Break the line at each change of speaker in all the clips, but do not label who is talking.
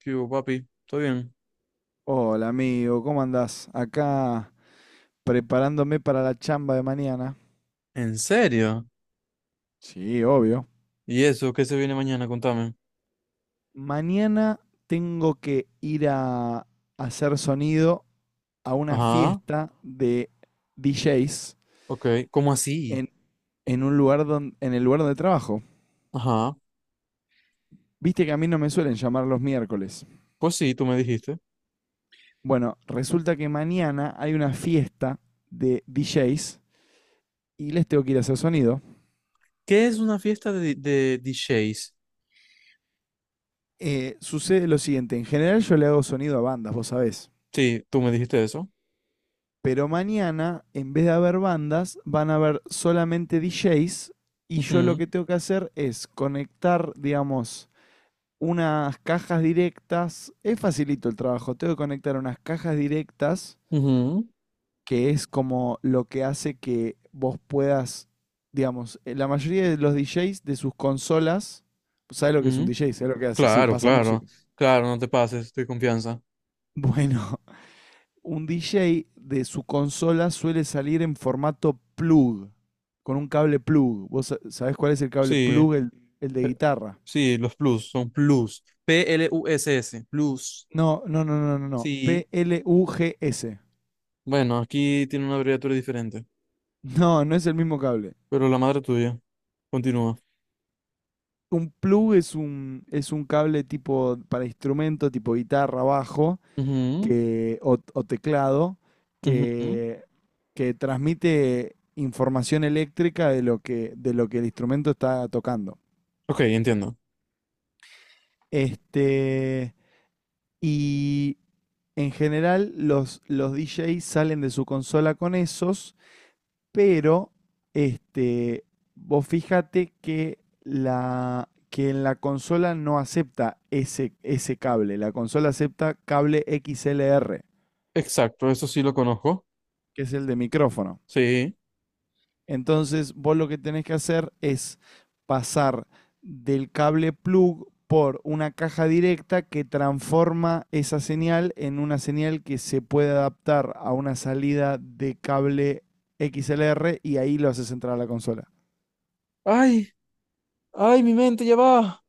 ¿Qué hubo, papi? ¿Todo bien?
Hola amigo, ¿cómo andás? Acá preparándome para la chamba de mañana.
¿En serio?
Sí, obvio.
¿Y eso? ¿Qué se viene mañana? Contame.
Mañana tengo que ir a hacer sonido a una
Ajá,
fiesta de DJs
ok. ¿Cómo así?
en, en un lugar en el lugar de trabajo.
Ajá.
Viste que a mí no me suelen llamar los miércoles.
Pues sí, tú me dijiste.
Bueno, resulta que mañana hay una fiesta de DJs y les tengo que ir a hacer sonido.
¿Qué es una fiesta de DJs?
Sucede lo siguiente, en general yo le hago sonido a bandas, vos sabés.
Sí, tú me dijiste eso.
Pero mañana, en vez de haber bandas, van a haber solamente DJs. Y yo lo
Ujú,
que tengo que hacer es conectar, digamos, unas cajas directas. Es facilito el trabajo. Tengo que conectar unas cajas directas,
ujú,
que es como lo que hace que vos puedas, digamos, la mayoría de los DJs de sus consolas. ¿Sabes lo que es un
ujú.
DJ? ¿Sabes lo que hace? Sí,
Claro,
pasa
claro.
música.
Claro, no te pases, estoy confianza.
Bueno, un DJ de su consola suele salir en formato plug, con un cable plug. ¿Vos sabés cuál es el cable
Sí,
plug? El de
eh,
guitarra.
sí, los plus, son plus. P-L-U-S-S, plus.
No, no, no, no, no, no.
Sí.
P-L-U-G-S.
Bueno, aquí tiene una abreviatura diferente,
No, no es el mismo cable.
pero la madre tuya. Continúa.
Un plug es es un cable tipo para instrumento, tipo guitarra, bajo
Ujú,
que, o teclado,
ujú,
que, que transmite información eléctrica de lo que el instrumento está tocando.
ok, entiendo.
Este, Y en general los DJs salen de su consola con esos, pero este, vos fíjate que en la consola no acepta ese cable, la consola acepta cable XLR,
Exacto, eso sí lo conozco.
que es el de micrófono.
Sí.
Entonces, vos lo que tenés que hacer es pasar del cable plug por una caja directa que transforma esa señal en una señal que se puede adaptar a una salida de cable XLR y ahí lo haces entrar a la consola.
Ay, ay, mi mente ya va.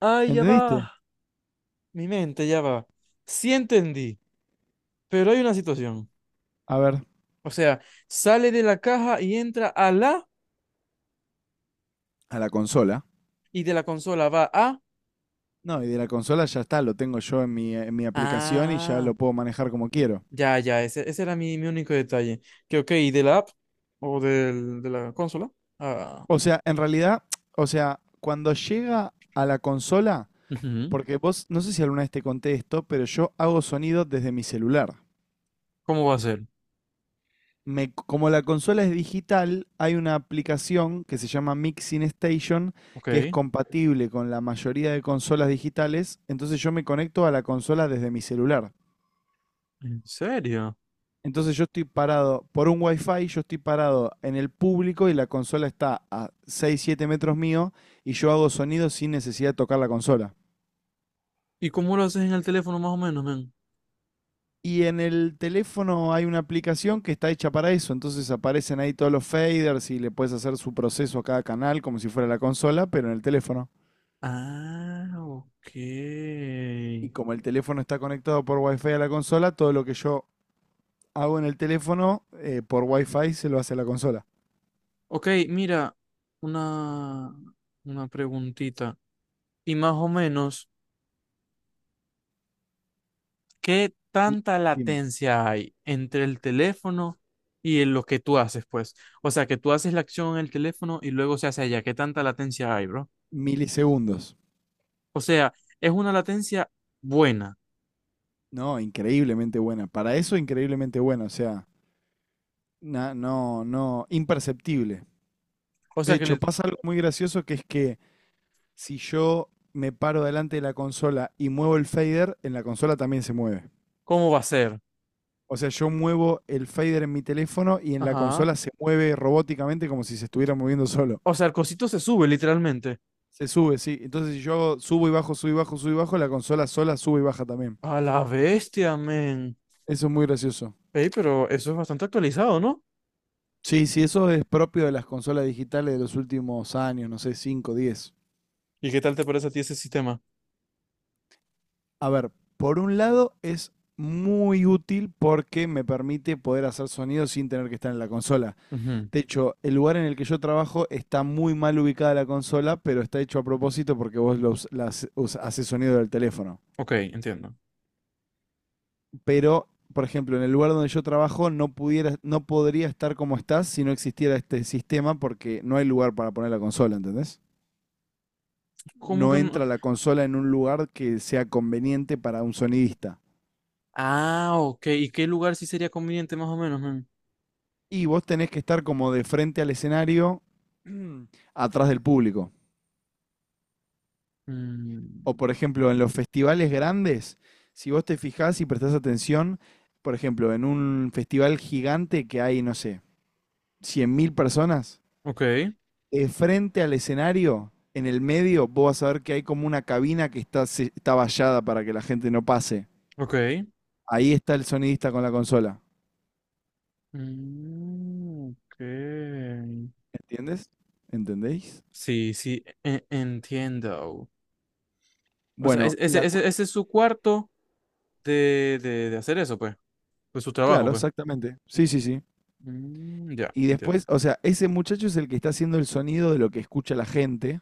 Ay, ya
¿Entendiste?
va. Mi mente ya va. Sí entendí, pero hay una situación.
A ver.
O sea, sale de la caja y entra a la,
A la consola.
y de la consola va a...
No, y de la consola ya está, lo tengo yo en mi aplicación y ya
Ah,
lo puedo manejar como quiero.
ya, ya, ese era mi único detalle. Que ok, ¿y de la app o de la consola? Ah,
O sea, en realidad, o sea, cuando llega a la consola.
ujú.
Porque vos, no sé si alguna vez te conté esto, pero yo hago sonido desde mi celular.
¿Cómo va a ser?
Como la consola es digital, hay una aplicación que se llama Mixing Station,
Ok,
que es
¿en
compatible con la mayoría de consolas digitales. Entonces yo me conecto a la consola desde mi celular.
serio?
Entonces yo estoy parado por un wifi, yo estoy parado en el público y la consola está a 6 7 metros mío y yo hago sonido sin necesidad de tocar la consola.
¿Y cómo lo haces en el teléfono más o menos, men?
Y en el teléfono hay una aplicación que está hecha para eso, entonces aparecen ahí todos los faders y le puedes hacer su proceso a cada canal como si fuera la consola, pero en el teléfono.
Ah, ok.
Y como el teléfono está conectado por Wi-Fi a la consola, todo lo que yo hago en el teléfono por Wi-Fi se lo hace a la consola.
Ok, mira, una, una preguntita. Y más o menos, ¿qué tanta
Dime,
latencia hay entre el teléfono y en lo que tú haces, pues? O sea, que tú haces la acción en el teléfono y luego se hace allá. ¿Qué tanta latencia hay, bro?
milisegundos.
O sea, es una latencia buena.
No, increíblemente buena. Para eso, increíblemente buena. O sea, no, no, imperceptible.
O
De
sea, que
hecho,
le-
pasa algo muy gracioso que es que si yo me paro delante de la consola y muevo el fader, en la consola también se mueve.
¿cómo va a ser?
O sea, yo muevo el fader en mi teléfono y en la
Ajá.
consola se mueve robóticamente como si se estuviera moviendo solo.
O sea, el cosito se sube literalmente.
Se sube, sí. Entonces, si yo subo y bajo, subo y bajo, subo y bajo, la consola sola sube y baja también.
A la bestia, men.
Eso es muy gracioso.
Ey, pero eso es bastante actualizado, ¿no?
Sí, sí, eso es propio de las consolas digitales de los últimos años, no sé, cinco, diez.
¿Y qué tal te parece a ti ese sistema?
A ver, por un lado es muy útil porque me permite poder hacer sonido sin tener que estar en la consola.
Ujú,
De hecho, el lugar en el que yo trabajo está muy mal ubicada la consola, pero está hecho a propósito porque vos lo us- la hace- us- haces sonido del teléfono.
ok, entiendo.
Pero, por ejemplo, en el lugar donde yo trabajo no podría estar como estás si no existiera este sistema porque no hay lugar para poner la consola, ¿entendés?
¿Cómo
No
que no?
entra la consola en un lugar que sea conveniente para un sonidista.
Ah, ok. ¿Y qué lugar sí sería conveniente más o menos, men?
Y vos tenés que estar como de frente al escenario, atrás del público. O
Mm,
por ejemplo, en los festivales grandes, si vos te fijás y prestás atención, por ejemplo, en un festival gigante que hay, no sé, 100.000 personas,
ok,
frente al escenario, en el medio, vos vas a ver que hay como una cabina que está, está vallada para que la gente no pase.
ok.
Ahí está el sonidista con la consola.
Mm, ok.
¿Entiendes? ¿Entendéis?
Sí, sí, entiendo. O sea, es-
Bueno,
ese, ese, ese es su cuarto de hacer eso, pues. De su trabajo,
claro,
pues.
exactamente. Sí, sí, sí.
Mm, ya,
Y después,
entiendo.
o sea, ese muchacho es el que está haciendo el sonido de lo que escucha la gente.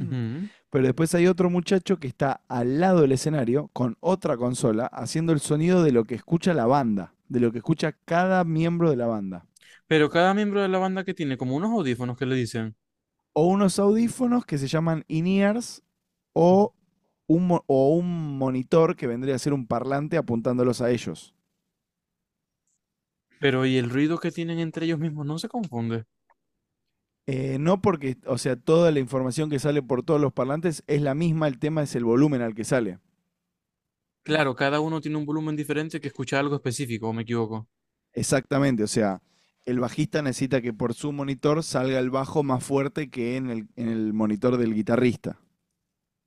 Ujú.
Pero después hay otro muchacho que está al lado del escenario con otra consola haciendo el sonido de lo que escucha la banda, de lo que escucha cada miembro de la banda.
Pero cada miembro de la banda que tiene como unos audífonos que le dicen.
O unos audífonos que se llaman in-ears o un monitor que vendría a ser un parlante apuntándolos a ellos.
Pero, ¿y el ruido que tienen entre ellos mismos no se confunde?
No porque, o sea, toda la información que sale por todos los parlantes es la misma, el tema es el volumen al que sale.
Claro, cada uno tiene un volumen diferente que escucha algo específico, ¿o me equivoco?
Exactamente, o sea, el bajista necesita que por su monitor salga el bajo más fuerte que en el monitor del guitarrista.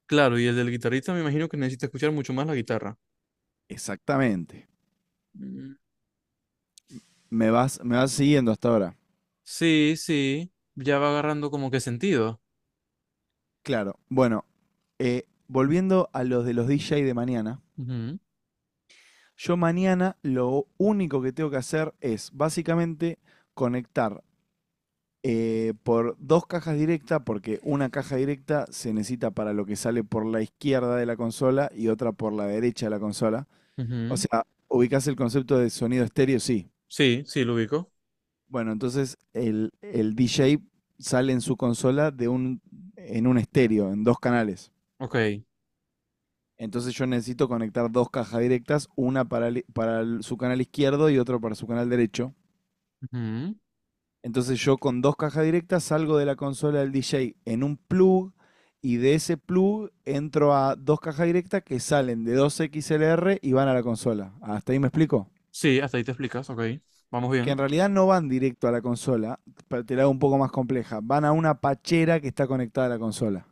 Claro, y el del guitarrista me imagino que necesita escuchar mucho más la guitarra.
Exactamente.
Mm,
Me vas siguiendo hasta ahora.
sí, sí, ya va agarrando como que sentido.
Claro. Bueno, volviendo a los de los DJ de mañana,
Ujú,
yo mañana lo único que tengo que hacer es básicamente conectar por dos cajas directas, porque una caja directa se necesita para lo que sale por la izquierda de la consola y otra por la derecha de la consola. O
ujú.
sea, ubicás el concepto de sonido estéreo, sí.
Sí, sí, lo ubico.
Bueno, entonces el DJ sale en su consola en un estéreo, en dos canales.
Ok,
Entonces yo necesito conectar dos cajas directas, una para su canal izquierdo y otra para su canal derecho.
ujú.
Entonces yo con dos cajas directas salgo de la consola del DJ en un plug y de ese plug entro a dos cajas directas que salen de dos XLR y van a la consola. ¿Hasta ahí me explico?
Sí, hasta ahí te explicas, ok. Vamos
Que en
bien.
realidad no van directo a la consola, te la hago un poco más compleja, van a una pachera que está conectada a la consola.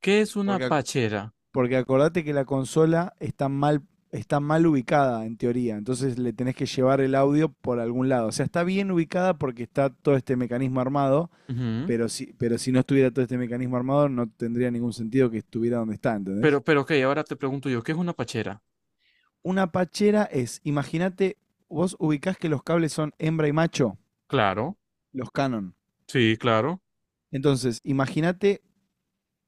¿Qué es una
Porque,
pachera?
porque acordate que la consola está mal ubicada en teoría, entonces le tenés que llevar el audio por algún lado. O sea, está bien ubicada porque está todo este mecanismo armado,
Ujú.
pero si no estuviera todo este mecanismo armado no tendría ningún sentido que estuviera donde está,
Pero,
¿entendés?
pero, ok, ahora te pregunto yo, ¿qué es una pachera?
Una pachera es, imagínate, vos ubicás que los cables son hembra y macho,
Claro,
los Canon.
sí, claro.
Entonces, imagínate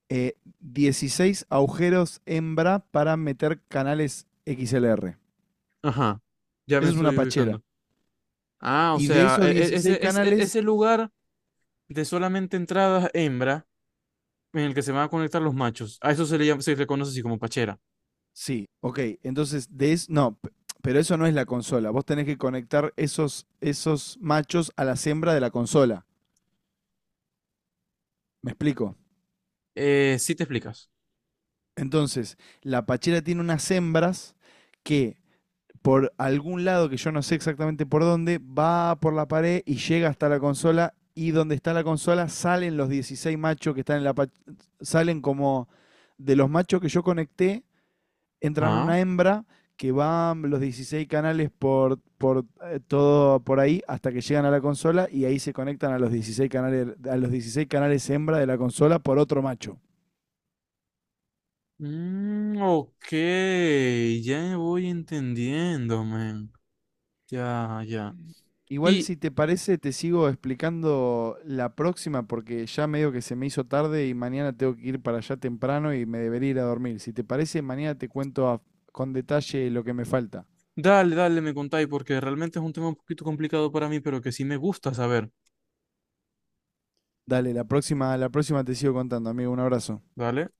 eh, 16 agujeros hembra para meter canales XLR.
Ajá, ya me
Eso es una
estoy
pachera.
ubicando. Ah, o
Y de
sea,
esos
e- e-
16
ese, ese, e,
canales,
ese lugar de solamente entradas hembra en el que se van a conectar los machos. A eso se le llama, se le conoce así como pachera.
sí, ok. Entonces, de eso, no, pero eso no es la consola. Vos tenés que conectar esos machos a las hembras de la consola. ¿Me explico?
Sí te explicas.
Entonces, la pachera tiene unas hembras que por algún lado que yo no sé exactamente por dónde, va por la pared y llega hasta la consola y donde está la consola salen los 16 machos que están en la salen como de los machos que yo conecté, entran
Ah.
una hembra que van los 16 canales por todo por ahí hasta que llegan a la consola y ahí se conectan a los 16 canales hembra de la consola por otro macho.
Mm, ok, ya voy entendiendo, man. Ya, ya.
Igual
Y
si te parece, te sigo explicando la próxima porque ya medio que se me hizo tarde y mañana tengo que ir para allá temprano y me debería ir a dormir. Si te parece, mañana te cuento con detalle lo que me falta.
Dale, dale, me contáis, porque realmente es un tema un poquito complicado para mí, pero que sí me gusta saber.
Dale, la próxima te sigo contando, amigo. Un abrazo.
¿Vale?